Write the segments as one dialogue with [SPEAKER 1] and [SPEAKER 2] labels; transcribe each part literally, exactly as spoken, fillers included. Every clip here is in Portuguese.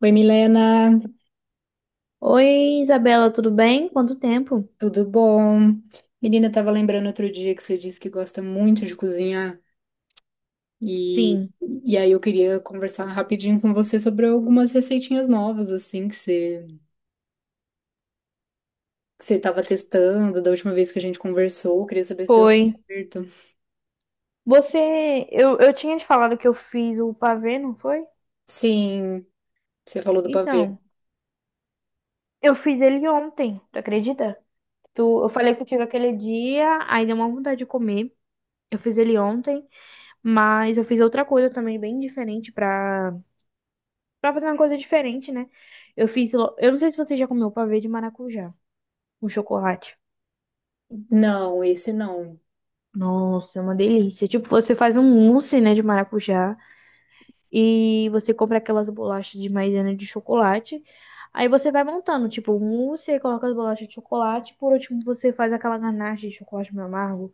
[SPEAKER 1] Oi, Milena,
[SPEAKER 2] Oi, Isabela, tudo bem? Quanto tempo?
[SPEAKER 1] tudo bom? Menina, eu tava lembrando outro dia que você disse que gosta muito de cozinhar e,
[SPEAKER 2] Sim,
[SPEAKER 1] e aí eu queria conversar rapidinho com você sobre algumas receitinhas novas, assim, que você, que você tava testando da última vez que a gente conversou. Eu queria saber se deu
[SPEAKER 2] foi.
[SPEAKER 1] certo.
[SPEAKER 2] Você, eu, eu tinha te falado que eu fiz o pavê, não foi?
[SPEAKER 1] Sim, você falou do pavê.
[SPEAKER 2] Então, eu fiz ele ontem, tu acredita? Tu, eu falei contigo aquele dia, aí deu uma vontade de comer. Eu fiz ele ontem, mas eu fiz outra coisa também bem diferente pra, pra fazer uma coisa diferente, né? Eu fiz, lo- eu não sei se você já comeu pavê de maracujá, com chocolate.
[SPEAKER 1] Não, esse não.
[SPEAKER 2] Nossa, é uma delícia. Tipo, você faz um mousse, né, de maracujá. E você compra aquelas bolachas de maisena de chocolate. Aí você vai montando, tipo, o mousse, aí coloca as bolachas de chocolate. Por último, você faz aquela ganache de chocolate meio amargo.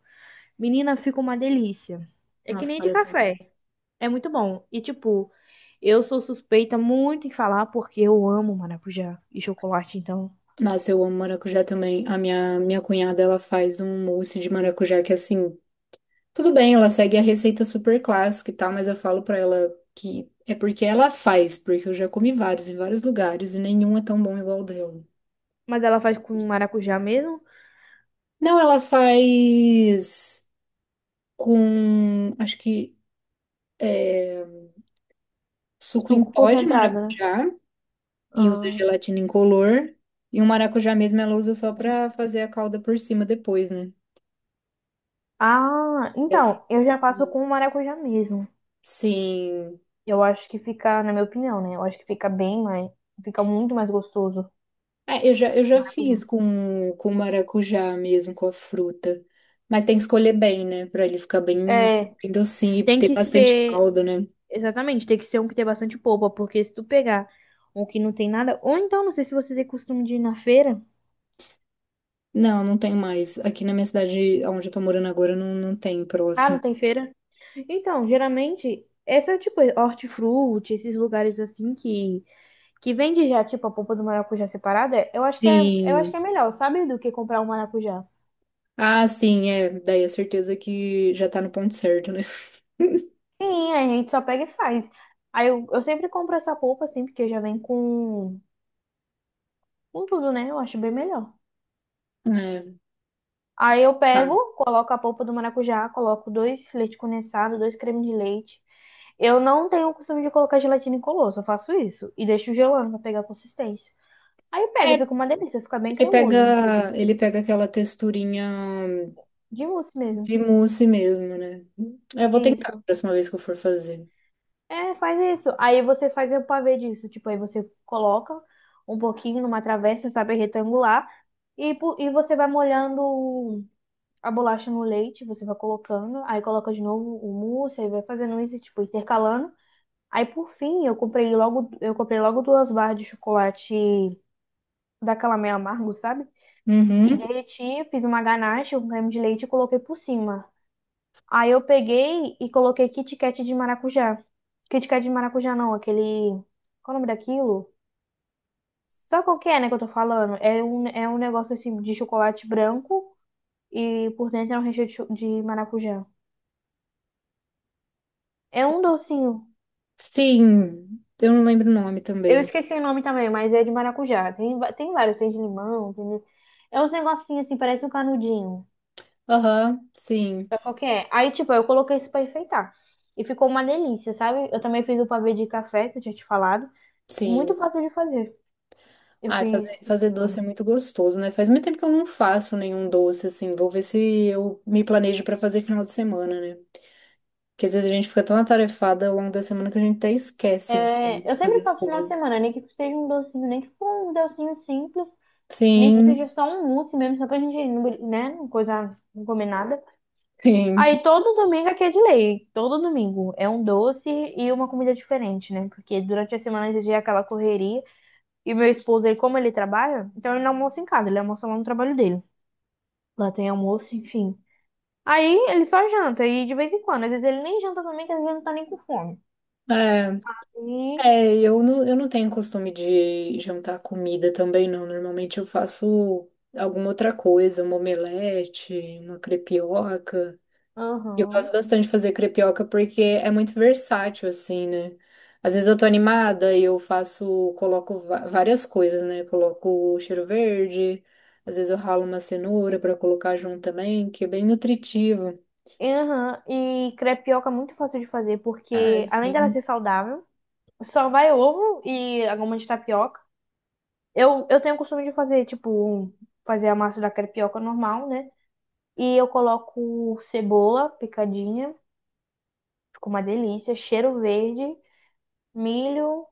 [SPEAKER 2] Menina, fica uma delícia. É que
[SPEAKER 1] Nossa,
[SPEAKER 2] nem de
[SPEAKER 1] pareceu bom.
[SPEAKER 2] café. É muito bom. E, tipo, eu sou suspeita muito em falar porque eu amo maracujá e chocolate, então.
[SPEAKER 1] Nossa, eu amo maracujá também. A minha, minha cunhada, ela faz um mousse de maracujá que, assim, tudo bem, ela segue a receita super clássica e tal, mas eu falo pra ela que é porque ela faz, porque eu já comi vários em vários lugares e nenhum é tão bom igual o dela.
[SPEAKER 2] Mas ela faz com maracujá mesmo?
[SPEAKER 1] Não, ela faz com, acho que é, suco em
[SPEAKER 2] Suco
[SPEAKER 1] pó de
[SPEAKER 2] concentrado, né?
[SPEAKER 1] maracujá e usa
[SPEAKER 2] Ah,
[SPEAKER 1] gelatina incolor. E o maracujá mesmo ela usa só pra fazer a calda por cima depois, né?
[SPEAKER 2] ah,
[SPEAKER 1] É, fica-
[SPEAKER 2] então, eu já faço com maracujá mesmo.
[SPEAKER 1] Sim.
[SPEAKER 2] Eu acho que fica, na minha opinião, né? Eu acho que fica bem mais, fica muito mais gostoso.
[SPEAKER 1] É, eu já, eu já
[SPEAKER 2] Maracujá.
[SPEAKER 1] fiz com, com maracujá mesmo, com a fruta. Mas tem que escolher bem, né? Pra ele ficar bem,
[SPEAKER 2] É,
[SPEAKER 1] bem docinho e
[SPEAKER 2] tem
[SPEAKER 1] ter
[SPEAKER 2] que
[SPEAKER 1] bastante
[SPEAKER 2] ser,
[SPEAKER 1] caldo, né?
[SPEAKER 2] exatamente, tem que ser um que tem bastante polpa, porque se tu pegar um que não tem nada, ou então, não sei se você tem costume de ir na feira.
[SPEAKER 1] Não, não tem mais. Aqui na minha cidade, onde eu tô morando agora, não, não tem
[SPEAKER 2] Ah, não
[SPEAKER 1] próximo.
[SPEAKER 2] tem feira? Então, geralmente, essa, tipo, hortifruti, esses lugares assim que, que vende já, tipo, a polpa do maracujá separada, eu acho que é, eu acho
[SPEAKER 1] Sim.
[SPEAKER 2] que é melhor, sabe? Do que comprar um maracujá.
[SPEAKER 1] Ah, sim, é. Daí a certeza que já tá no ponto certo, né?
[SPEAKER 2] Sim, a gente só pega e faz. Aí eu, eu sempre compro essa polpa assim, porque já vem com, com tudo, né? Eu acho bem melhor.
[SPEAKER 1] É,
[SPEAKER 2] Aí eu
[SPEAKER 1] tá.
[SPEAKER 2] pego, coloco a polpa do maracujá, coloco dois leite condensado, dois creme de leite. Eu não tenho o costume de colocar gelatina incolor, só faço isso. E deixo gelando pra pegar a consistência. Aí pega,
[SPEAKER 1] É,
[SPEAKER 2] fica uma delícia, fica bem
[SPEAKER 1] ele
[SPEAKER 2] cremoso, inclusive.
[SPEAKER 1] pega, ele pega aquela texturinha
[SPEAKER 2] De mousse mesmo.
[SPEAKER 1] de mousse mesmo, né? Eu vou tentar a
[SPEAKER 2] Isso.
[SPEAKER 1] próxima vez que eu for fazer.
[SPEAKER 2] É, faz isso. Aí você faz o pavê disso. Tipo, aí você coloca um pouquinho numa travessa, sabe, retangular. E, po- e você vai molhando a bolacha no leite, você vai colocando. Aí coloca de novo o mousse, aí vai fazendo isso, tipo, intercalando. Aí, por fim, eu comprei logo, eu comprei logo duas barras de chocolate daquela meio amargo, sabe? E
[SPEAKER 1] Uhum.
[SPEAKER 2] derreti, fiz uma ganache com creme de leite e coloquei por cima. Aí eu peguei e coloquei Kit Kat de maracujá. Kit Kat de maracujá não, aquele. Qual é o nome daquilo? Sabe qual que é, né, que eu tô falando? É um, é um negócio assim de chocolate branco e por dentro é um recheio de, cho- de maracujá. É um docinho.
[SPEAKER 1] Sim, eu não lembro o nome
[SPEAKER 2] Eu
[SPEAKER 1] também.
[SPEAKER 2] esqueci o nome também, mas é de maracujá. Tem, va- tem vários, tem de limão, tem de- É uns negocinhos assim, parece um canudinho.
[SPEAKER 1] Aham, sim,
[SPEAKER 2] Sabe qual que é? Aí, tipo, eu coloquei isso pra enfeitar. E ficou uma delícia, sabe? Eu também fiz o pavê de café, que eu tinha te falado. Muito
[SPEAKER 1] sim.
[SPEAKER 2] fácil de fazer. Eu
[SPEAKER 1] Ai, fazer,
[SPEAKER 2] fiz final de
[SPEAKER 1] fazer doce é
[SPEAKER 2] semana.
[SPEAKER 1] muito gostoso, né? Faz muito tempo que eu não faço nenhum doce, assim. Vou ver se eu me planejo pra fazer final de semana, né? Porque às vezes a gente fica tão atarefada ao longo da semana que a gente até esquece de
[SPEAKER 2] É, eu
[SPEAKER 1] fazer
[SPEAKER 2] sempre
[SPEAKER 1] as
[SPEAKER 2] faço final de
[SPEAKER 1] coisas.
[SPEAKER 2] semana, nem que seja um docinho, nem que for um docinho simples, nem que seja
[SPEAKER 1] Sim,
[SPEAKER 2] só um mousse mesmo, só pra gente, não bri- né, não coisa, não comer nada.
[SPEAKER 1] sim.
[SPEAKER 2] Aí todo domingo aqui é de lei, todo domingo é um doce e uma comida diferente, né? Porque durante a semana a gente é aquela correria e meu esposo, ele, como ele trabalha, então ele não almoça em casa, ele almoça lá no trabalho dele. Lá tem almoço, enfim. Aí ele só janta e de vez em quando, às vezes ele nem janta também, que às vezes ele não tá nem com fome.
[SPEAKER 1] É,
[SPEAKER 2] E,
[SPEAKER 1] é, eu não, eu não tenho costume de jantar comida também, não. Normalmente eu faço alguma outra coisa, uma omelete, uma crepioca. Eu gosto
[SPEAKER 2] aham.
[SPEAKER 1] bastante de fazer crepioca porque é muito versátil, assim, né? Às vezes eu tô animada e eu faço, coloco va- várias coisas, né? Coloco cheiro verde, às vezes eu ralo uma cenoura pra colocar junto também, que é bem nutritivo.
[SPEAKER 2] Aham, e crepioca é muito fácil de fazer,
[SPEAKER 1] Ah,
[SPEAKER 2] porque além dela ser
[SPEAKER 1] sim.
[SPEAKER 2] saudável, só vai ovo e a goma de tapioca. Eu, eu tenho o costume de fazer, tipo, um- fazer a massa da crepioca normal, né? E eu coloco cebola picadinha, fica uma delícia, cheiro verde, milho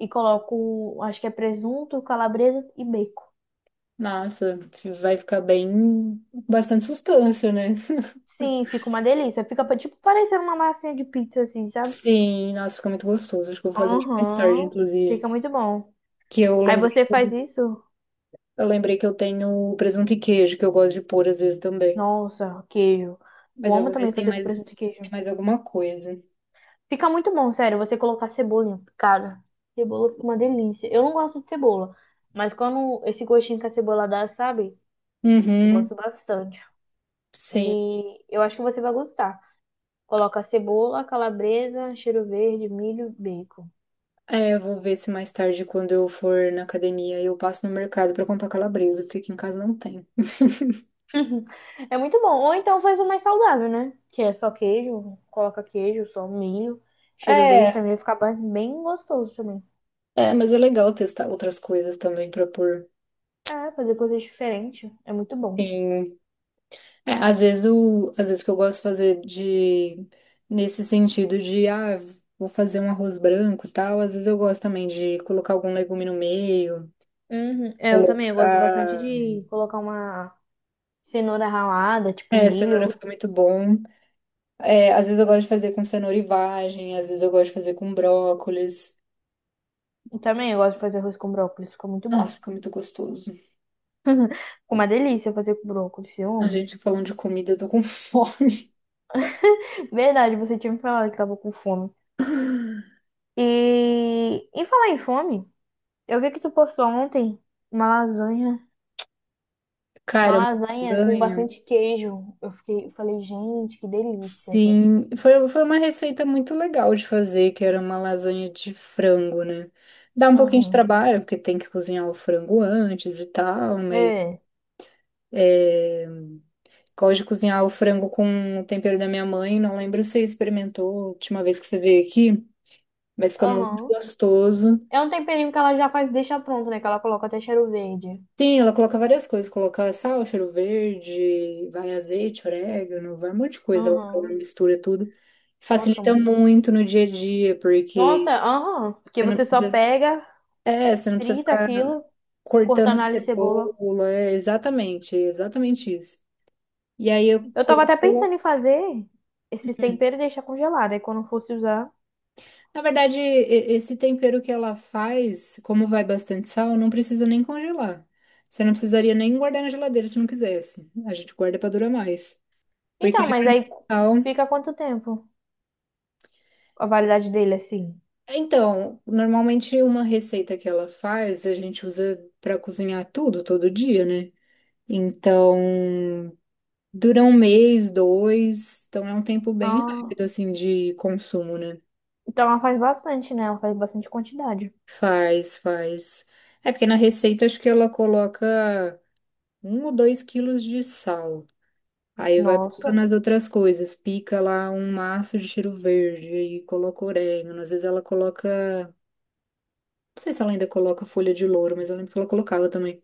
[SPEAKER 2] e coloco, acho que é presunto, calabresa e bacon.
[SPEAKER 1] Nossa, vai ficar bem, bastante sustância, né?
[SPEAKER 2] Sim, fica uma delícia. Fica pa- tipo parecendo uma massinha de pizza, assim, sabe?
[SPEAKER 1] Sim, nossa, fica muito gostoso. Acho que eu vou fazer hoje mais tarde,
[SPEAKER 2] Aham,
[SPEAKER 1] inclusive.
[SPEAKER 2] fica muito bom.
[SPEAKER 1] Que eu
[SPEAKER 2] Aí
[SPEAKER 1] lembrei,
[SPEAKER 2] você
[SPEAKER 1] que
[SPEAKER 2] faz
[SPEAKER 1] eu
[SPEAKER 2] isso.
[SPEAKER 1] eu lembrei que eu tenho presunto e queijo, que eu gosto de pôr às vezes também.
[SPEAKER 2] Nossa, queijo. Eu
[SPEAKER 1] Mas eu
[SPEAKER 2] amo
[SPEAKER 1] vou ver
[SPEAKER 2] também
[SPEAKER 1] se tem
[SPEAKER 2] fazer com
[SPEAKER 1] mais,
[SPEAKER 2] presunto e
[SPEAKER 1] tem
[SPEAKER 2] queijo.
[SPEAKER 1] mais alguma coisa.
[SPEAKER 2] Fica muito bom, sério, você colocar cebolinha. Cara, cebola fica uma delícia. Eu não gosto de cebola, mas quando esse gostinho que a cebola dá, sabe? Eu
[SPEAKER 1] Uhum,
[SPEAKER 2] gosto bastante.
[SPEAKER 1] sim.
[SPEAKER 2] E eu acho que você vai gostar. Coloca cebola, calabresa, cheiro verde, milho, bacon.
[SPEAKER 1] É, eu vou ver se mais tarde, quando eu for na academia, eu passo no mercado pra comprar calabresa, porque aqui em casa não tem.
[SPEAKER 2] É muito bom. Ou então faz o mais saudável, né? Que é só queijo, coloca queijo, só milho. Cheiro verde
[SPEAKER 1] É,
[SPEAKER 2] também vai ficar ba- bem gostoso também.
[SPEAKER 1] é, mas é legal testar outras coisas também pra pôr.
[SPEAKER 2] É, fazer coisas diferentes é muito bom.
[SPEAKER 1] em- É, às vezes o, às vezes o que eu gosto de fazer de nesse sentido de ah, vou fazer um arroz branco e tal, às vezes eu gosto também de colocar algum legume no meio,
[SPEAKER 2] Uhum. É, eu também, eu gosto bastante
[SPEAKER 1] colocar,
[SPEAKER 2] de colocar uma cenoura ralada, tipo
[SPEAKER 1] é, cenoura
[SPEAKER 2] milho.
[SPEAKER 1] fica muito bom. É, às vezes eu gosto de fazer com cenoura e vagem, às vezes eu gosto de fazer com brócolis.
[SPEAKER 2] Eu também, eu gosto de fazer arroz com brócolis, fica muito bom.
[SPEAKER 1] Nossa, fica muito gostoso.
[SPEAKER 2] Fica uma delícia fazer com brócolis, eu
[SPEAKER 1] A
[SPEAKER 2] amo.
[SPEAKER 1] gente falando de comida, eu tô com fome.
[SPEAKER 2] Verdade, você tinha me falado que tava com fome. E em falar em fome, eu vi que tu postou ontem uma lasanha, uma
[SPEAKER 1] Cara, uma
[SPEAKER 2] lasanha com
[SPEAKER 1] lasanha.
[SPEAKER 2] bastante queijo. Eu fiquei, eu falei, gente, que delícia.
[SPEAKER 1] Sim, foi, foi uma receita muito legal de fazer, que era uma lasanha de frango, né? Dá um pouquinho de
[SPEAKER 2] Aham.
[SPEAKER 1] trabalho, porque tem que cozinhar o frango antes e tal, mas
[SPEAKER 2] É.
[SPEAKER 1] é, gosto de cozinhar o frango com o tempero da minha mãe. Não lembro se você experimentou a última vez que você veio aqui, mas fica muito
[SPEAKER 2] Aham.
[SPEAKER 1] gostoso.
[SPEAKER 2] É um temperinho que ela já faz, deixa pronto, né? Que ela coloca até cheiro verde.
[SPEAKER 1] Sim, ela coloca várias coisas. Coloca sal, cheiro verde, vai azeite, orégano, vai um monte de coisa. Ela coloca,
[SPEAKER 2] Aham.
[SPEAKER 1] mistura tudo.
[SPEAKER 2] Nossa, fica
[SPEAKER 1] Facilita
[SPEAKER 2] muito.
[SPEAKER 1] muito no dia a dia,
[SPEAKER 2] Nossa,
[SPEAKER 1] porque
[SPEAKER 2] aham, porque
[SPEAKER 1] você não
[SPEAKER 2] você só
[SPEAKER 1] precisa,
[SPEAKER 2] pega,
[SPEAKER 1] é, você não precisa
[SPEAKER 2] frita
[SPEAKER 1] ficar
[SPEAKER 2] aquilo,
[SPEAKER 1] cortando
[SPEAKER 2] cortando alho e cebola.
[SPEAKER 1] cebola. É, exatamente, é exatamente isso. E aí eu
[SPEAKER 2] Eu tava até pensando
[SPEAKER 1] coloco.
[SPEAKER 2] em fazer esses temperos e deixar congelado, aí quando fosse usar.
[SPEAKER 1] Na verdade, e- esse tempero que ela faz, como vai bastante sal, não precisa nem congelar. Você não precisaria nem guardar na geladeira se não quisesse. A gente guarda para durar mais. Porque
[SPEAKER 2] Então, mas aí fica quanto tempo a validade dele, assim?
[SPEAKER 1] Então, normalmente uma receita que ela faz, a gente usa para cozinhar tudo, todo dia, né? Então, dura um mês, dois, então é um tempo bem
[SPEAKER 2] Ah,
[SPEAKER 1] rápido, assim, de consumo, né?
[SPEAKER 2] então ela faz bastante, né? Ela faz bastante quantidade.
[SPEAKER 1] Faz, faz. É porque na receita acho que ela coloca um ou dois quilos de sal. Aí vai colocando
[SPEAKER 2] Nossa.
[SPEAKER 1] as outras coisas, pica lá um maço de cheiro verde e coloca orégano. Às vezes ela coloca, não sei se ela ainda coloca folha de louro, mas eu lembro que ela colocava também.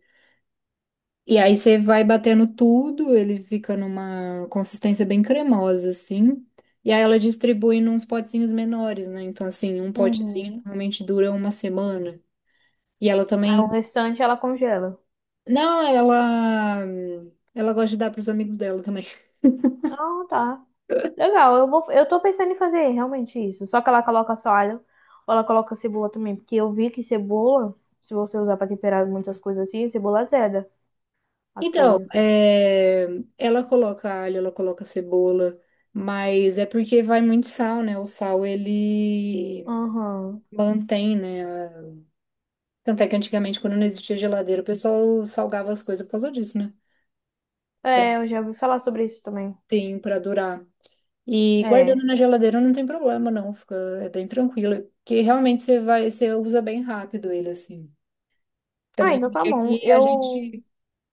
[SPEAKER 1] E aí você vai batendo tudo, ele fica numa consistência bem cremosa, assim. E aí ela distribui nos potezinhos menores, né? Então, assim, um potezinho
[SPEAKER 2] Uhum.
[SPEAKER 1] normalmente dura uma semana. E ela
[SPEAKER 2] Então o
[SPEAKER 1] também.
[SPEAKER 2] restante ela congela.
[SPEAKER 1] Não, ela. Ela gosta de dar pros amigos dela também.
[SPEAKER 2] Ah, tá. Legal, eu vou, eu tô pensando em fazer realmente isso. Só que ela coloca só alho, ou ela coloca cebola também, porque eu vi que cebola, se você usar pra temperar muitas coisas assim, cebola azeda as
[SPEAKER 1] Então,
[SPEAKER 2] coisas.
[SPEAKER 1] é, ela coloca alho, ela coloca cebola, mas é porque vai muito sal, né? O sal ele
[SPEAKER 2] Aham.
[SPEAKER 1] mantém, né? Tanto é que antigamente, quando não existia geladeira, o pessoal salgava as coisas por causa disso, né? Pra,
[SPEAKER 2] É, eu já ouvi falar sobre isso também.
[SPEAKER 1] tem para durar. E guardando
[SPEAKER 2] É.
[SPEAKER 1] na geladeira não tem problema, não. Fica, é bem tranquilo. Porque realmente você vai, você usa bem rápido ele, assim.
[SPEAKER 2] Ah,
[SPEAKER 1] Também
[SPEAKER 2] então tá
[SPEAKER 1] porque
[SPEAKER 2] bom.
[SPEAKER 1] aqui a
[SPEAKER 2] Eu.
[SPEAKER 1] gente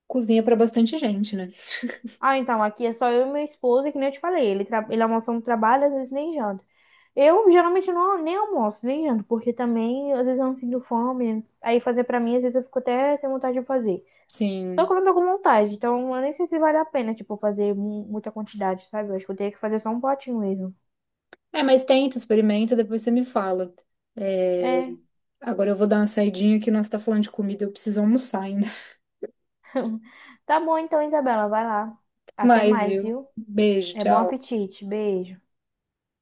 [SPEAKER 1] cozinha para bastante gente, né?
[SPEAKER 2] Ah, então, aqui é só eu e meu esposo, e que nem eu te falei. Ele, tra... ele almoça no trabalho, às vezes nem janta. Eu geralmente não nem almoço, nem janto, porque também às vezes eu não sinto fome. Aí fazer pra mim, às vezes eu fico até sem vontade de fazer. Só que
[SPEAKER 1] Sim.
[SPEAKER 2] eu não tô com vontade, então eu nem sei se vale a pena, tipo, fazer mu- muita quantidade, sabe? Eu acho que eu teria que fazer só um potinho mesmo.
[SPEAKER 1] É, mas tenta, experimenta, depois você me fala. É,
[SPEAKER 2] É.
[SPEAKER 1] agora eu vou dar uma saidinha que nós tá falando de comida, eu preciso almoçar ainda.
[SPEAKER 2] Tá bom então, Isabela, vai lá. Até
[SPEAKER 1] Mas,
[SPEAKER 2] mais,
[SPEAKER 1] viu?
[SPEAKER 2] viu?
[SPEAKER 1] Beijo,
[SPEAKER 2] É bom
[SPEAKER 1] tchau.
[SPEAKER 2] apetite. Beijo.